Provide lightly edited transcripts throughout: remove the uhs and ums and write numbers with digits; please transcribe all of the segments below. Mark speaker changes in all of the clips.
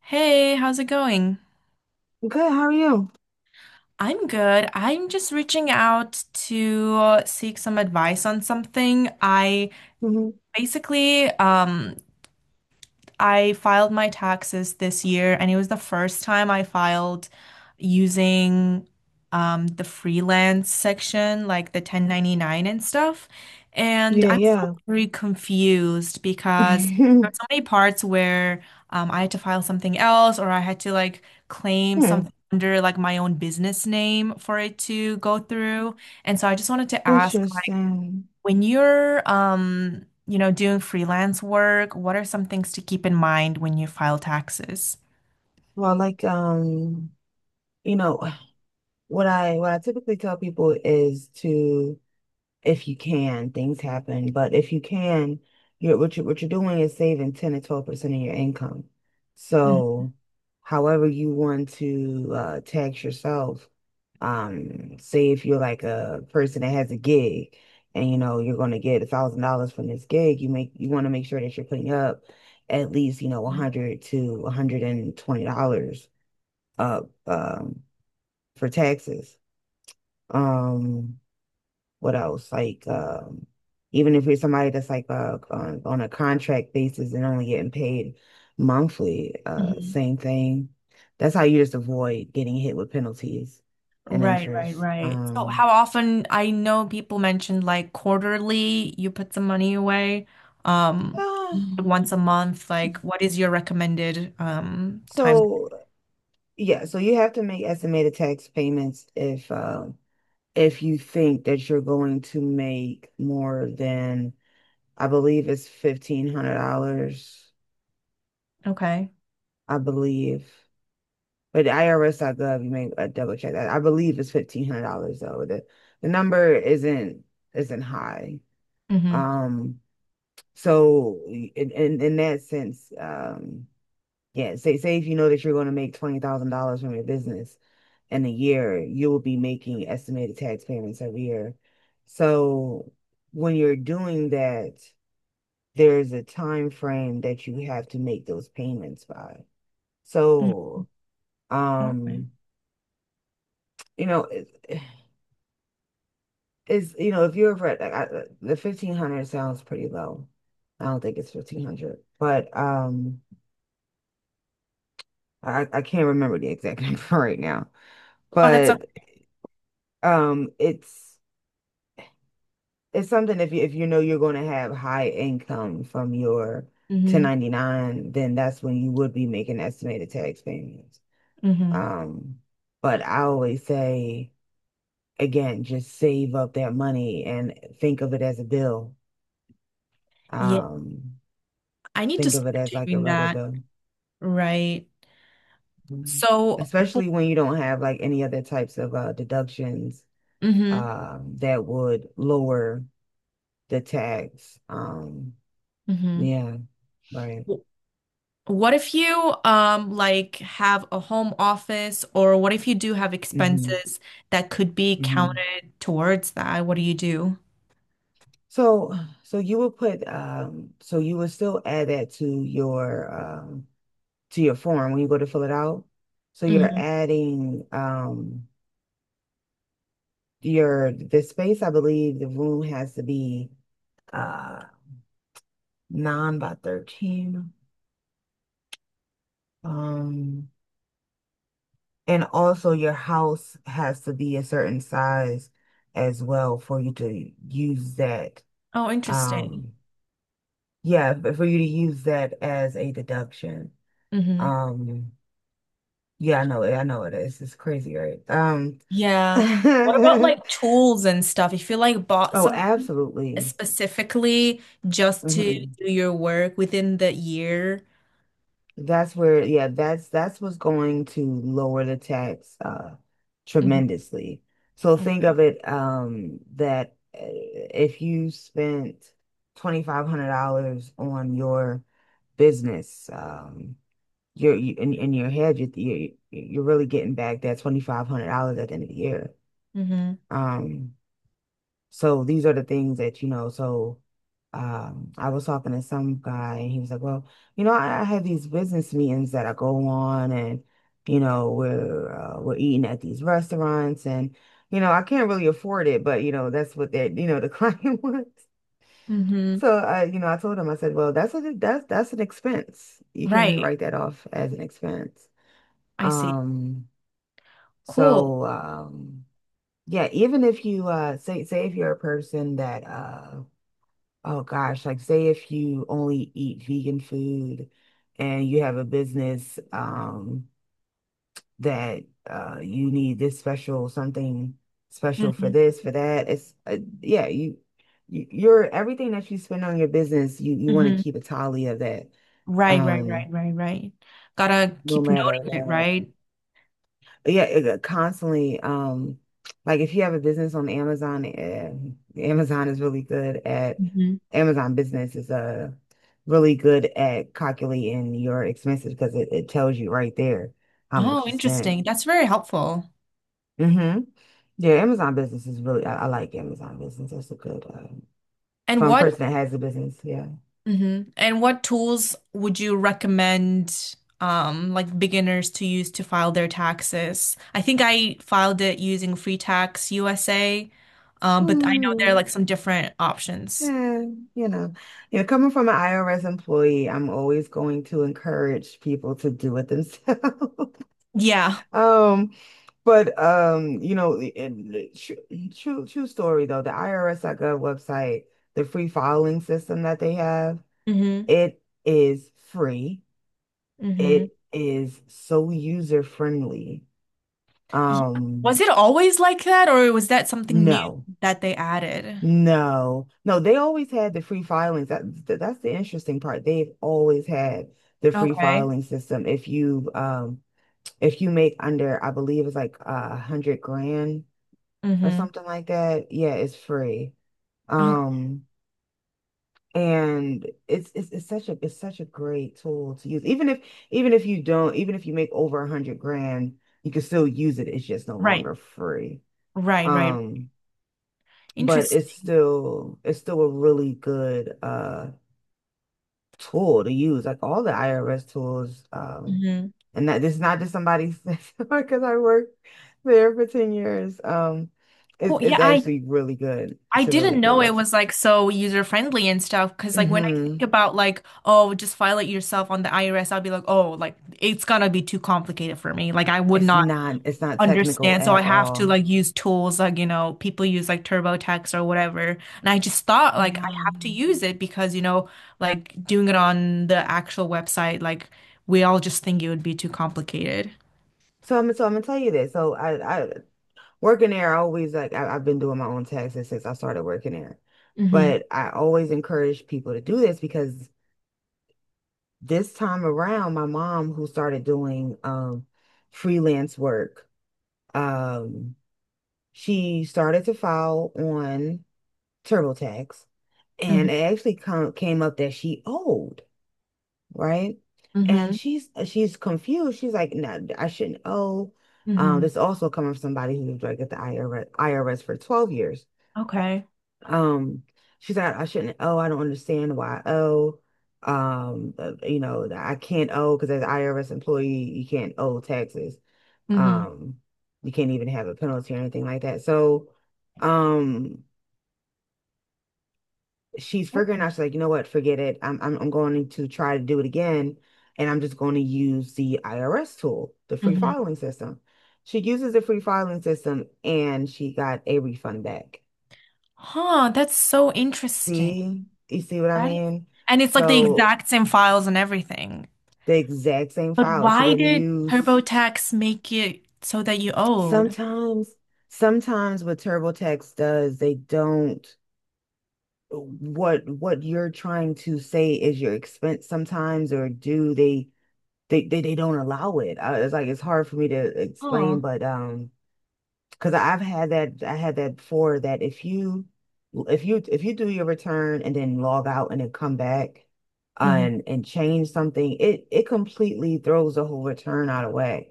Speaker 1: Hey, how's it going?
Speaker 2: Good, how are you?
Speaker 1: I'm good. I'm just reaching out to seek some advice on something. I
Speaker 2: Hmm.
Speaker 1: basically I filed my taxes this year, and it was the first time I filed using the freelance section, like the 1099 and stuff. And
Speaker 2: Yeah,
Speaker 1: I'm still
Speaker 2: yeah.
Speaker 1: very confused because there are so many parts where I had to file something else, or I had to like claim
Speaker 2: Hmm.
Speaker 1: something under like my own business name for it to go through. And so I just wanted to ask
Speaker 2: Interesting.
Speaker 1: when you're, doing freelance work, what are some things to keep in mind when you file taxes?
Speaker 2: Well, like you know, what I typically tell people is to if you can, things happen. But if you can, you're what you what you're doing is saving 10 to 12% of your income.
Speaker 1: Mhm,
Speaker 2: So however you want to tax yourself, say if you're like a person that has a gig and you know you're gonna get $1,000 from this gig, you want to make sure that you're putting up at least, 100 to 120 dollars up for taxes. Um, what else? Like, even if you're somebody that's like on a contract basis and only getting paid monthly,
Speaker 1: mhm.
Speaker 2: same thing. That's how you just avoid getting hit with penalties and
Speaker 1: Right, right,
Speaker 2: interest.
Speaker 1: right. So how often, I know people mentioned like quarterly, you put some money away, um,
Speaker 2: Ah,
Speaker 1: once a month, like what is your recommended time?
Speaker 2: so yeah, so you have to make estimated tax payments if you think that you're going to make more than I believe it's $1,500,
Speaker 1: Okay.
Speaker 2: I believe. But the IRS.gov, you may double check that. I believe it's $1,500 though. The number isn't high.
Speaker 1: Mm-hmm.
Speaker 2: Um, so in that sense, yeah, say if you know that you're going to make $20,000 from your business in a year, you will be making estimated tax payments every year. So when you're doing that, there's a time frame that you have to make those payments by. So,
Speaker 1: Okay.
Speaker 2: um, you know. it- is, if you're over at like the 1,500 sounds pretty low. I don't think it's 1,500, but I can't remember the exact number right now.
Speaker 1: Oh, that's a.
Speaker 2: But um it's it's something. If you know you're going to have high income from your
Speaker 1: hmm
Speaker 2: 1099, then that's when you would be making estimated tax payments.
Speaker 1: hmm
Speaker 2: um but I always say, again, just save up that money and think of it as a bill.
Speaker 1: Yeah,
Speaker 2: um
Speaker 1: I need to
Speaker 2: think of it
Speaker 1: start
Speaker 2: as like a
Speaker 1: doing
Speaker 2: regular
Speaker 1: that.
Speaker 2: bill.
Speaker 1: Right.
Speaker 2: Mhm.
Speaker 1: So,
Speaker 2: Especially when you don't have like any other types of deductions
Speaker 1: hmm
Speaker 2: that would lower the tax.
Speaker 1: hmm
Speaker 2: Yeah, right.
Speaker 1: what if you like have a home office, or what if you do have
Speaker 2: Hmm.
Speaker 1: expenses that could be
Speaker 2: Hmm.
Speaker 1: counted towards that? What do you do?
Speaker 2: So, so you would still add that to your form when you go to fill it out. So you're
Speaker 1: Hmm
Speaker 2: adding your the space. I believe the room has to be uh, 9 by 13. Um, And also your house has to be a certain size as well for you to use that.
Speaker 1: Oh, interesting.
Speaker 2: Um, yeah, but for you to use that as a deduction.
Speaker 1: Hmm
Speaker 2: Um, yeah, I know it. I know it is. It's crazy, right?
Speaker 1: Yeah. What about
Speaker 2: Oh,
Speaker 1: like tools and stuff? If you like bought something
Speaker 2: absolutely.
Speaker 1: specifically just to
Speaker 2: Mhm.
Speaker 1: do your work within the year.
Speaker 2: That's where, yeah, that's what's going to lower the tax
Speaker 1: Hmm
Speaker 2: tremendously. So think of it, that, if you spent $2,500 on your business, in your head, you're, you're really getting back that $2,500 at the end of the year.
Speaker 1: hmm
Speaker 2: Um so these are the things that, so I was talking to some guy and he was like, well, I have these business meetings that I go on, and we're we're eating at these restaurants, and I can't really afford it, but that's what that you know, the client wants.
Speaker 1: hmm
Speaker 2: So I told him, I said, well, that's a that's that's an expense. You can
Speaker 1: Right.
Speaker 2: write that off as an expense.
Speaker 1: I see.
Speaker 2: Um,
Speaker 1: Cool.
Speaker 2: so yeah, even if you say if you're a person that oh gosh, like say if you only eat vegan food and you have a business that you need this special something, special for
Speaker 1: hmm
Speaker 2: this, for that. It's, yeah, you your everything that you spend on your business, you want to
Speaker 1: hmm
Speaker 2: keep a tally of that,
Speaker 1: Right, right,
Speaker 2: um
Speaker 1: right, right, right. Gotta
Speaker 2: no
Speaker 1: keep note of it,
Speaker 2: matter.
Speaker 1: right?
Speaker 2: Yeah, it, constantly. Like if you have a business on Amazon, Amazon is really good at
Speaker 1: hmm
Speaker 2: Amazon Business is really good at calculating your expenses because it tells you right there how much
Speaker 1: Oh,
Speaker 2: you spent.
Speaker 1: interesting. That's very helpful.
Speaker 2: Hmm. Yeah, Amazon Business is really — I like Amazon Business. That's a good
Speaker 1: And
Speaker 2: fun
Speaker 1: what,
Speaker 2: person that has a business. Yeah.
Speaker 1: hmm and what tools would you recommend, like beginners to use to file their taxes? I think I filed it using Free Tax USA, but I know there are
Speaker 2: Hmm.
Speaker 1: like some different options.
Speaker 2: Yeah, you know, coming from an IRS employee, I'm always going to encourage people to do it themselves.
Speaker 1: Yeah.
Speaker 2: Um, but and the true, true true story though, the IRS.gov website, the free filing system that they have,
Speaker 1: hmm
Speaker 2: it is free.
Speaker 1: hmm
Speaker 2: It is so user friendly.
Speaker 1: Yeah.
Speaker 2: Um,
Speaker 1: Was it always like that, or was that something new
Speaker 2: no.
Speaker 1: that they added?
Speaker 2: No. No, they always had the free filings. That's the interesting part. They've always had the free
Speaker 1: Okay.
Speaker 2: filing system. If you make under, I believe it's like 100 grand or
Speaker 1: hmm
Speaker 2: something like that. Yeah, it's free.
Speaker 1: Oh,
Speaker 2: Um, and it's such a great tool to use. Even if you make over 100 grand, you can still use it. It's just no
Speaker 1: right.
Speaker 2: longer free.
Speaker 1: Right, right.
Speaker 2: Um, but it's
Speaker 1: Interesting.
Speaker 2: still it's still a really good tool to use. Like all the IRS tools,
Speaker 1: Hmm
Speaker 2: and that this is not just somebody because I worked there for 10 years. It's
Speaker 1: Cool. Yeah,
Speaker 2: it's
Speaker 1: I
Speaker 2: actually really good.
Speaker 1: I
Speaker 2: It's a really
Speaker 1: didn't
Speaker 2: good
Speaker 1: know it
Speaker 2: website.
Speaker 1: was like so user friendly and stuff. Because like when I think
Speaker 2: Hmm.
Speaker 1: about like, oh, just file it yourself on the IRS, I'll be like, oh, like it's gonna be too complicated for me. Like I would
Speaker 2: It's
Speaker 1: not
Speaker 2: not it's not technical
Speaker 1: understand. So I
Speaker 2: at
Speaker 1: have to
Speaker 2: all.
Speaker 1: like use tools like, you know, people use like TurboTax or whatever. And I just thought like I
Speaker 2: Yeah.
Speaker 1: have to use it because, you know, like doing it on the actual website, like we all just think it would be too complicated.
Speaker 2: So I'm gonna tell you this. So I working there, I always like I, I've been doing my own taxes since I started working there.
Speaker 1: Mm-hmm.
Speaker 2: But I always encourage people to do this because this time around, my mom, who started doing freelance work, um, she started to file on TurboTax,
Speaker 1: Mm-hmm.
Speaker 2: and it actually came up that she owed. Right? And
Speaker 1: Mm-hmm.
Speaker 2: she's confused. She's like, no, I shouldn't owe.
Speaker 1: Mm-hmm.
Speaker 2: This also coming from somebody who was like at the IRS for 12 years.
Speaker 1: Okay.
Speaker 2: Um, she's like, I shouldn't owe. I don't understand why I owe. I can't owe because as an IRS employee, you can't owe taxes.
Speaker 1: hmm
Speaker 2: Um, you can't even have a penalty or anything like that. So, um, she's figuring out. She's like, you know what, forget it. I'm going to try to do it again, and I'm just going to use the IRS tool, the free
Speaker 1: hmm
Speaker 2: filing system. She uses the free filing system and she got a refund back.
Speaker 1: Huh, that's so interesting.
Speaker 2: See you see what I
Speaker 1: That is,
Speaker 2: mean
Speaker 1: and it's like the
Speaker 2: so
Speaker 1: exact same files and everything.
Speaker 2: the exact same
Speaker 1: But
Speaker 2: file. She
Speaker 1: why
Speaker 2: didn't
Speaker 1: did
Speaker 2: use —
Speaker 1: TurboTax make it so that you owed?
Speaker 2: sometimes sometimes what TurboTax does, they don't — what you're trying to say is your expense sometimes, or do they don't allow it. It's like it's hard for me to
Speaker 1: Huh.
Speaker 2: explain, but because I had that before, that if you do your return and then log out and then come back,
Speaker 1: hmm
Speaker 2: and change something, it completely throws the whole return out of whack.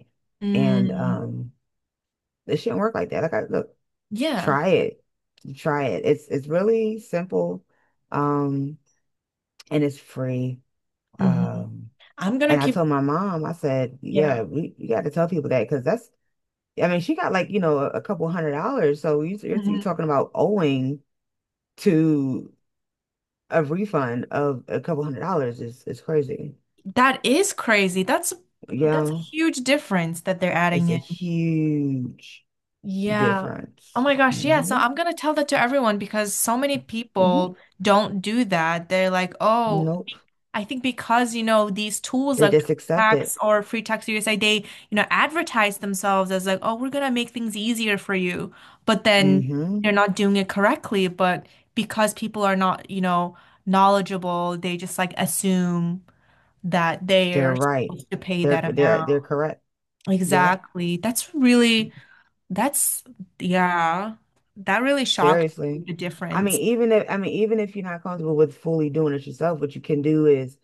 Speaker 2: And
Speaker 1: Mm,
Speaker 2: it shouldn't work like that. Like, I look,
Speaker 1: yeah.
Speaker 2: try it, try it. It's really simple, um, and it's free.
Speaker 1: hmm
Speaker 2: Um,
Speaker 1: I'm gonna
Speaker 2: And I
Speaker 1: keep,
Speaker 2: told my mom, I said, yeah,
Speaker 1: yeah.
Speaker 2: you got to tell people that, because I mean, she got like, a couple hundred dollars. So you're
Speaker 1: Mhm.
Speaker 2: talking about owing to a refund of a couple hundred dollars, is crazy.
Speaker 1: That is crazy. That's a
Speaker 2: Yeah,
Speaker 1: huge difference that they're
Speaker 2: it's
Speaker 1: adding
Speaker 2: a
Speaker 1: in.
Speaker 2: huge
Speaker 1: Yeah. Oh
Speaker 2: difference.
Speaker 1: my gosh, yeah. So
Speaker 2: Hmm.
Speaker 1: I'm gonna tell that to everyone because so many
Speaker 2: Hmm.
Speaker 1: people don't do that. They're like, oh,
Speaker 2: Nope.
Speaker 1: I think because, you know, these tools
Speaker 2: They
Speaker 1: like
Speaker 2: just accept it.
Speaker 1: Tax or Free Tax USA, they, you know, advertise themselves as like, oh, we're gonna make things easier for you. But then
Speaker 2: Hmm.
Speaker 1: they're not doing it correctly. But because people are not, you know, knowledgeable, they just like assume that
Speaker 2: They're
Speaker 1: they're
Speaker 2: right.
Speaker 1: supposed to pay that amount.
Speaker 2: They're correct. Yeah,
Speaker 1: Exactly. That's really, that's, yeah, that really shocked
Speaker 2: seriously.
Speaker 1: me, the difference.
Speaker 2: I mean, even if you're not comfortable with fully doing it yourself, what you can do is,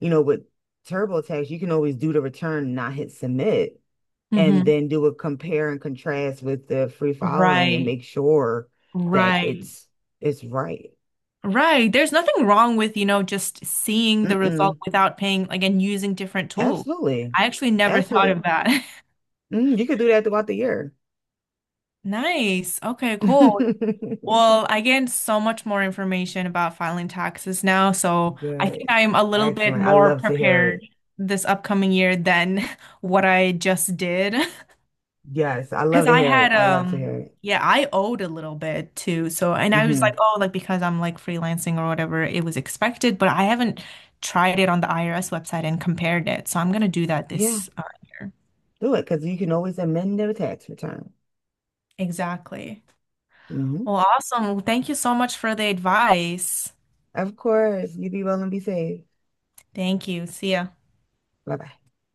Speaker 2: with TurboTax, you can always do the return, not hit submit, and
Speaker 1: Hmm
Speaker 2: then do a compare and contrast with the free filing and
Speaker 1: Right.
Speaker 2: make sure that
Speaker 1: Right.
Speaker 2: it's right.
Speaker 1: Right. There's nothing wrong with, you know, just seeing the result
Speaker 2: Mm-mm.
Speaker 1: without paying, like, and using different tools.
Speaker 2: Absolutely.
Speaker 1: I actually never thought
Speaker 2: Absolutely.
Speaker 1: of that.
Speaker 2: Mm, you could do that throughout the year.
Speaker 1: Nice. Okay, cool. Well, I get so much more information about filing taxes now, so I think
Speaker 2: Good.
Speaker 1: I'm a little bit
Speaker 2: Excellent. I
Speaker 1: more
Speaker 2: love to hear
Speaker 1: prepared
Speaker 2: it.
Speaker 1: this upcoming year than what I just did.
Speaker 2: Yes, I love
Speaker 1: Because
Speaker 2: to
Speaker 1: I
Speaker 2: hear it.
Speaker 1: had
Speaker 2: I love to hear it.
Speaker 1: yeah, I owed a little bit too. So and I was like,
Speaker 2: Hmm.
Speaker 1: oh, like because I'm like freelancing or whatever, it was expected, but I haven't tried it on the IRS website and compared it. So I'm gonna do that
Speaker 2: Yeah,
Speaker 1: this year.
Speaker 2: do it, because you can always amend their tax return.
Speaker 1: Exactly.
Speaker 2: Hmm.
Speaker 1: Well, awesome. Thank you so much for the advice.
Speaker 2: Of course. You be well and be safe.
Speaker 1: Thank you. See ya.
Speaker 2: Bye bye.